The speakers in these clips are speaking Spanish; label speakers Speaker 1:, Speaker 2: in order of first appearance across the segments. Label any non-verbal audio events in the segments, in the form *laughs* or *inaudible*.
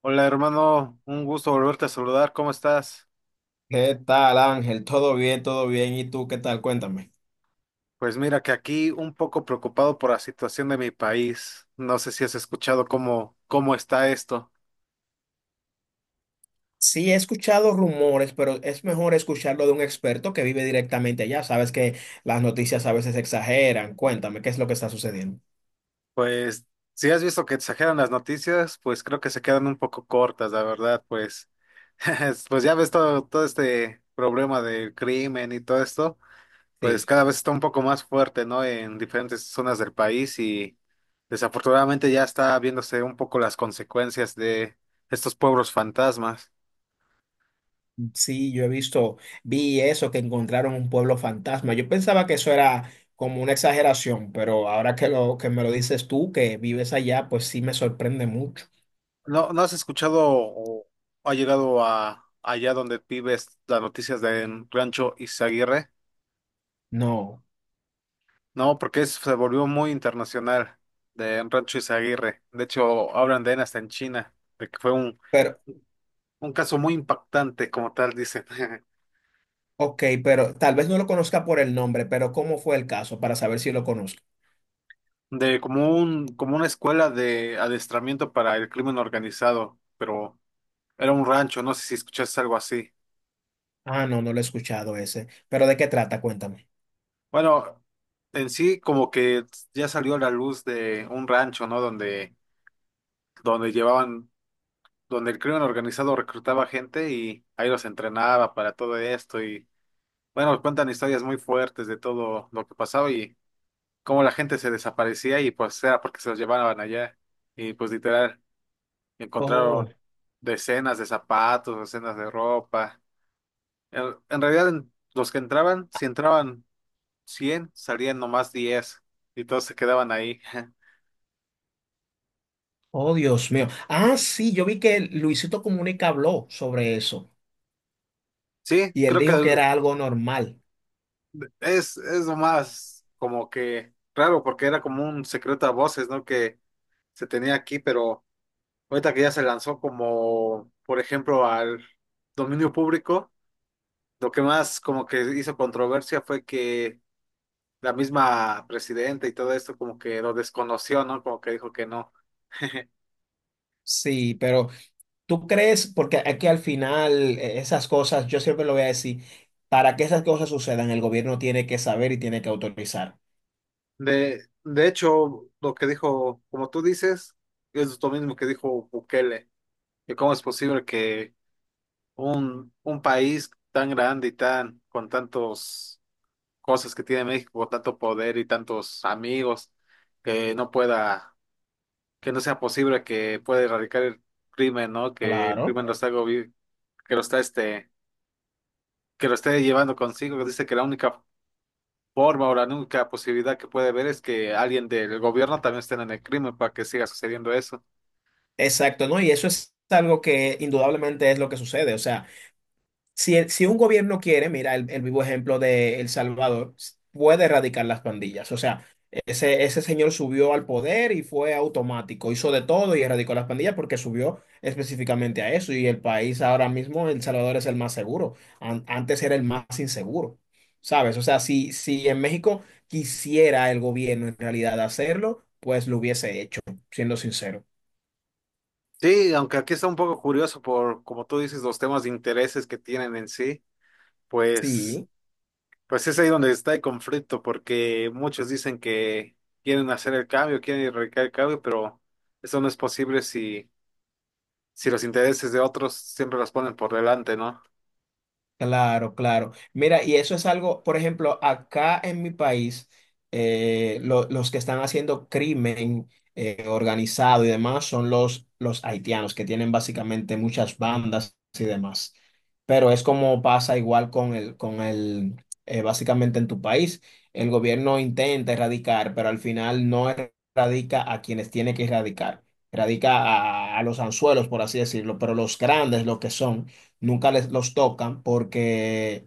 Speaker 1: Hola hermano, un gusto volverte a saludar, ¿cómo estás?
Speaker 2: ¿Qué tal, Ángel? ¿Todo bien? ¿Todo bien? ¿Y tú qué tal? Cuéntame.
Speaker 1: Pues mira que aquí un poco preocupado por la situación de mi país. No sé si has escuchado cómo está esto.
Speaker 2: Sí, he escuchado rumores, pero es mejor escucharlo de un experto que vive directamente allá. Sabes que las noticias a veces exageran. Cuéntame, ¿qué es lo que está sucediendo?
Speaker 1: Pues si has visto que exageran las noticias, pues creo que se quedan un poco cortas, la verdad, pues, *laughs* pues ya ves todo este problema del crimen y todo esto. Pues
Speaker 2: Sí,
Speaker 1: cada vez está un poco más fuerte, ¿no? En diferentes zonas del país y desafortunadamente ya está viéndose un poco las consecuencias de estos pueblos fantasmas.
Speaker 2: sí, yo he visto, vi eso, que encontraron un pueblo fantasma. Yo pensaba que eso era como una exageración, pero ahora que lo que me lo dices tú, que vives allá, pues sí me sorprende mucho.
Speaker 1: ¿No, no has escuchado o ha llegado a allá donde vives las noticias de Rancho Izaguirre?
Speaker 2: No,
Speaker 1: No, porque se volvió muy internacional de Rancho Izaguirre. De hecho, hablan de él hasta en China, de que fue
Speaker 2: pero,
Speaker 1: un caso muy impactante, como tal dicen. *laughs*
Speaker 2: ok, pero tal vez no lo conozca por el nombre, pero ¿cómo fue el caso para saber si lo conozco?
Speaker 1: De como un, como una escuela de adiestramiento para el crimen organizado, pero era un rancho, no sé si escuchaste algo así.
Speaker 2: Ah, no, no lo he escuchado ese. ¿Pero de qué trata? Cuéntame.
Speaker 1: Bueno, en sí como que ya salió a la luz de un rancho, ¿no? Donde llevaban, donde el crimen organizado reclutaba gente y ahí los entrenaba para todo esto y bueno, cuentan historias muy fuertes de todo lo que pasaba y cómo la gente se desaparecía y pues era porque se los llevaban allá y pues literal.
Speaker 2: Oh,
Speaker 1: Encontraron decenas de zapatos, decenas de ropa. En realidad, los que entraban, si entraban 100 salían nomás 10 y todos se quedaban ahí. *laughs*
Speaker 2: oh, Dios mío. Ah, sí, yo vi que Luisito Comunica habló sobre eso
Speaker 1: Sí,
Speaker 2: y él
Speaker 1: creo que
Speaker 2: dijo que era algo normal.
Speaker 1: es lo más como que raro porque era como un secreto a voces, ¿no? Que se tenía aquí, pero ahorita que ya se lanzó como, por ejemplo, al dominio público, lo que más como que hizo controversia fue que la misma presidenta y todo esto como que lo desconoció, ¿no? Como que dijo que no. *laughs*
Speaker 2: Sí, pero tú crees, porque aquí al final esas cosas, yo siempre lo voy a decir, para que esas cosas sucedan, el gobierno tiene que saber y tiene que autorizar.
Speaker 1: De hecho, lo que dijo, como tú dices, es lo mismo que dijo Bukele, y cómo es posible que un país tan grande y tan, con tantos cosas que tiene México, con tanto poder y tantos amigos, que no pueda, que no sea posible que pueda erradicar el crimen, ¿no? Que el
Speaker 2: Claro.
Speaker 1: crimen lo está que lo está que lo esté llevando consigo, que dice que la única forma o la única posibilidad que puede haber es que alguien del gobierno también esté en el crimen para que siga sucediendo eso.
Speaker 2: Exacto, ¿no? Y eso es algo que indudablemente es lo que sucede. O sea, si, si un gobierno quiere, mira el vivo ejemplo de El Salvador, puede erradicar las pandillas. O sea, ese señor subió al poder y fue automático, hizo de todo y erradicó las pandillas porque subió específicamente a eso. Y el país ahora mismo, El Salvador es el más seguro. Antes era el más inseguro, ¿sabes? O sea, si, si en México quisiera el gobierno en realidad hacerlo, pues lo hubiese hecho, siendo sincero.
Speaker 1: Sí, aunque aquí está un poco curioso por, como tú dices, los temas de intereses que tienen en sí, pues,
Speaker 2: Sí.
Speaker 1: pues es ahí donde está el conflicto, porque muchos dicen que quieren hacer el cambio, quieren erradicar el cambio, pero eso no es posible si, si los intereses de otros siempre los ponen por delante, ¿no?
Speaker 2: Claro, claro. Mira, y eso es algo, por ejemplo, acá en mi país, los que están haciendo crimen organizado y demás son los haitianos, que tienen básicamente muchas bandas y demás. Pero es como pasa igual con el, básicamente en tu país, el gobierno intenta erradicar, pero al final no erradica a quienes tiene que erradicar. Erradica a los anzuelos, por así decirlo, pero los grandes, los que son nunca les los tocan porque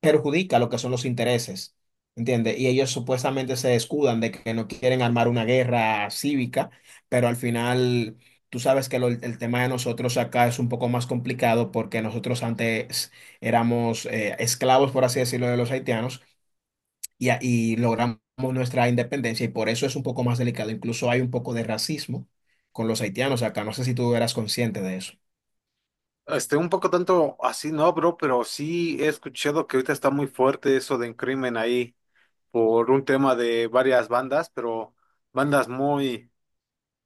Speaker 2: perjudica lo que son los intereses, ¿entiendes? Y ellos supuestamente se escudan de que no quieren armar una guerra cívica, pero al final tú sabes que el tema de nosotros acá es un poco más complicado porque nosotros antes éramos esclavos, por así decirlo, de los haitianos y, y logramos nuestra independencia y por eso es un poco más delicado. Incluso hay un poco de racismo con los haitianos acá. No sé si tú eras consciente de eso.
Speaker 1: Un poco tanto así, no, bro, pero sí he escuchado que ahorita está muy fuerte eso del crimen ahí, por un tema de varias bandas, pero bandas muy,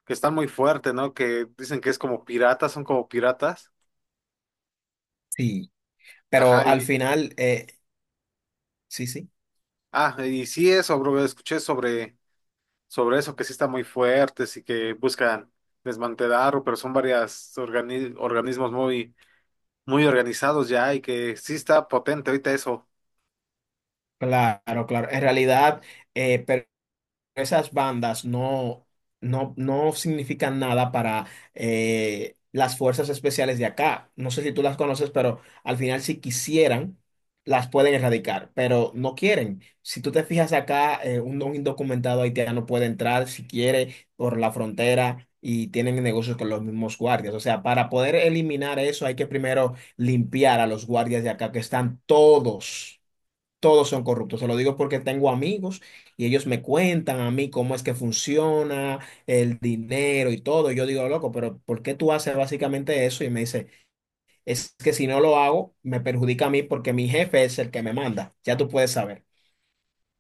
Speaker 1: que están muy fuertes, ¿no? Que dicen que es como piratas, son como piratas.
Speaker 2: Sí, pero
Speaker 1: Ajá,
Speaker 2: al
Speaker 1: y,
Speaker 2: final, sí, sí.
Speaker 1: ah, y sí eso, bro, escuché sobre, sobre eso, que sí están muy fuertes y que buscan desmantelar, pero son varias organismos muy, muy organizados ya y que sí está potente ahorita eso,
Speaker 2: Claro, claro. En realidad, pero esas bandas no, no significan nada para las fuerzas especiales de acá. No sé si tú las conoces, pero al final si quisieran, las pueden erradicar, pero no quieren. Si tú te fijas acá, un indocumentado haitiano puede entrar si quiere por la frontera y tienen negocios con los mismos guardias. O sea, para poder eliminar eso hay que primero limpiar a los guardias de acá que están todos son corruptos. Se lo digo porque tengo amigos y ellos me cuentan a mí cómo es que funciona el dinero y todo. Y yo digo, loco, pero ¿por qué tú haces básicamente eso? Y me dice, es que si no lo hago, me perjudica a mí porque mi jefe es el que me manda. Ya tú puedes saber.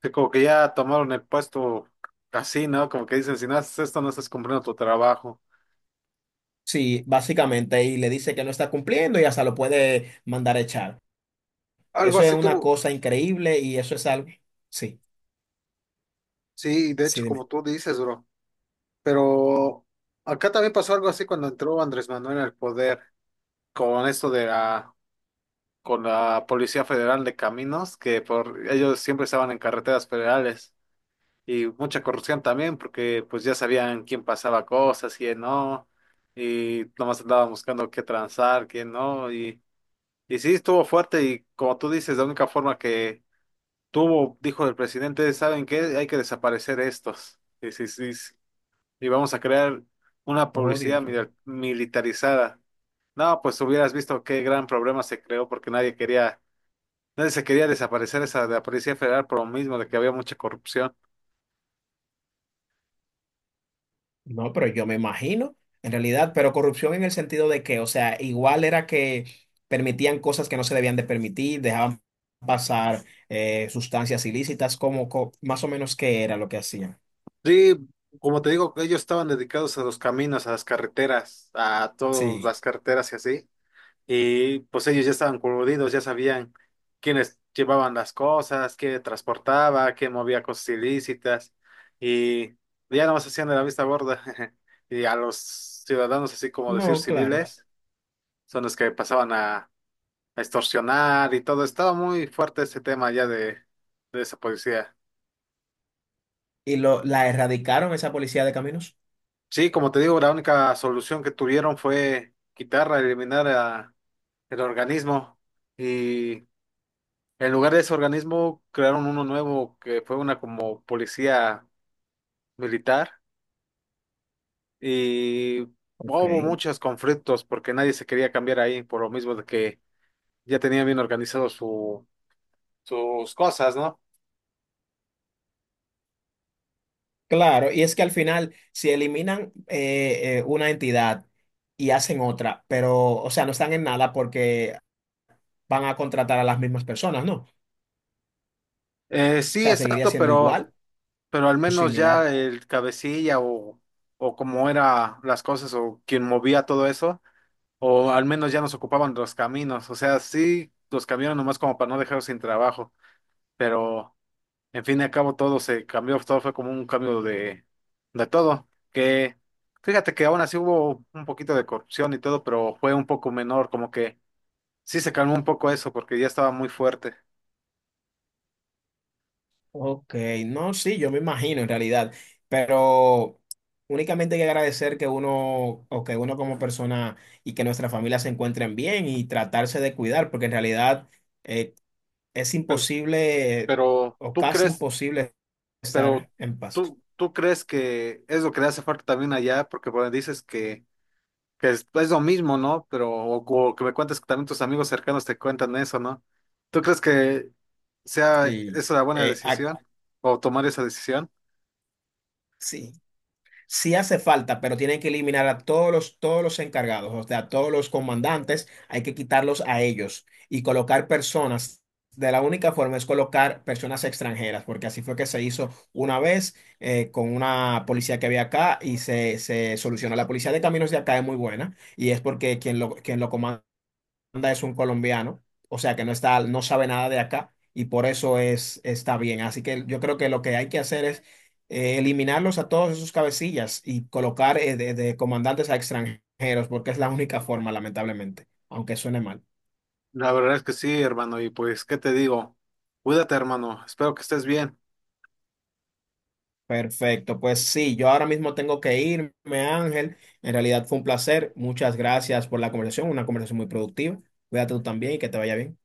Speaker 1: que como que ya tomaron el puesto así, ¿no? Como que dicen, si no haces esto, no estás cumpliendo tu trabajo.
Speaker 2: Sí, básicamente, y le dice que no está cumpliendo y hasta lo puede mandar a echar.
Speaker 1: Algo
Speaker 2: Eso es
Speaker 1: así
Speaker 2: una
Speaker 1: tuvo,
Speaker 2: cosa increíble y eso es algo. Sí,
Speaker 1: sí, de
Speaker 2: sí,
Speaker 1: hecho, como
Speaker 2: dime.
Speaker 1: tú dices, bro. Pero acá también pasó algo así cuando entró Andrés Manuel al poder con esto con la Policía Federal de Caminos, que por ellos siempre estaban en carreteras federales y mucha corrupción también, porque pues ya sabían quién pasaba cosas, quién no, y nomás andaban buscando qué transar, quién no, y sí estuvo fuerte y como tú dices, la única forma que tuvo, dijo el presidente, ¿saben qué? Hay que desaparecer estos. Y sí, sí, y vamos a crear una
Speaker 2: Oh,
Speaker 1: publicidad
Speaker 2: Dios mío.
Speaker 1: militarizada. No, pues hubieras visto qué gran problema se creó porque nadie quería, nadie se quería desaparecer esa de la Policía Federal por lo mismo de que había mucha corrupción.
Speaker 2: No, pero yo me imagino, en realidad, pero corrupción en el sentido de que, o sea, igual era que permitían cosas que no se debían de permitir, dejaban pasar sustancias ilícitas, como más o menos qué era lo que hacían.
Speaker 1: Sí, como te digo, ellos estaban dedicados a los caminos, a las carreteras, a todas
Speaker 2: Sí,
Speaker 1: las carreteras y así, y pues ellos ya estaban coludidos, ya sabían quiénes llevaban las cosas, qué transportaba, qué movía cosas ilícitas y ya no más hacían de la vista gorda *laughs* y a los ciudadanos, así como decir
Speaker 2: no, claro.
Speaker 1: civiles, son los que pasaban a extorsionar y todo. Estaba muy fuerte ese tema ya de esa policía.
Speaker 2: Y lo, la erradicaron esa policía de caminos.
Speaker 1: Sí, como te digo, la única solución que tuvieron fue quitarla, el organismo. Y en lugar de ese organismo, crearon uno nuevo que fue una como policía militar y
Speaker 2: Ok.
Speaker 1: hubo muchos conflictos porque nadie se quería cambiar ahí por lo mismo de que ya tenía bien organizado sus cosas, ¿no?
Speaker 2: Claro, y es que al final, si eliminan una entidad y hacen otra, pero, o sea, no están en nada porque van a contratar a las mismas personas, ¿no? O
Speaker 1: Sí,
Speaker 2: sea, seguiría
Speaker 1: exacto,
Speaker 2: siendo igual
Speaker 1: pero al
Speaker 2: o
Speaker 1: menos ya
Speaker 2: similar.
Speaker 1: el cabecilla o como era las cosas o quien movía todo eso, o al menos ya nos ocupaban los caminos, o sea, sí, los cambiaron nomás como para no dejarlos sin trabajo, pero... En fin y al cabo todo se cambió, todo fue como un cambio de todo. Que fíjate que aún así hubo un poquito de corrupción y todo, pero fue un poco menor, como que sí se calmó un poco eso, porque ya estaba muy fuerte.
Speaker 2: Ok, no, sí, yo me imagino en realidad, pero únicamente hay que agradecer que uno o que uno como persona y que nuestra familia se encuentren bien y tratarse de cuidar, porque en realidad eh, es
Speaker 1: Pero,
Speaker 2: imposible
Speaker 1: pero
Speaker 2: o
Speaker 1: tú
Speaker 2: casi
Speaker 1: crees,
Speaker 2: imposible
Speaker 1: pero
Speaker 2: estar en paz.
Speaker 1: tú crees que es lo que le hace falta también allá, porque bueno, dices que es lo mismo, ¿no? Pero, o que me cuentes que también tus amigos cercanos te cuentan eso, ¿no? ¿Tú crees que sea
Speaker 2: Sí,
Speaker 1: esa la buena
Speaker 2: eh, ac-
Speaker 1: decisión? ¿O tomar esa decisión?
Speaker 2: sí. Sí hace falta, pero tienen que eliminar a todos los encargados, o sea, a todos los comandantes, hay que quitarlos a ellos y colocar personas. De la única forma es colocar personas extranjeras, porque así fue que se hizo una vez con una policía que había acá y se solucionó. La policía de caminos de acá es muy buena y es porque quien lo comanda. Miranda es un colombiano, o sea que no está, no sabe nada de acá y por eso es, está bien. Así que yo creo que lo que hay que hacer es eliminarlos a todos esos cabecillas y colocar de comandantes a extranjeros, porque es la única forma, lamentablemente, aunque suene mal.
Speaker 1: La verdad es que sí, hermano, y pues, ¿qué te digo? Cuídate, hermano, espero que estés bien.
Speaker 2: Perfecto, pues sí, yo ahora mismo tengo que irme, Ángel. En realidad fue un placer. Muchas gracias por la conversación, una conversación muy productiva. Cuídate tú también y que te vaya bien.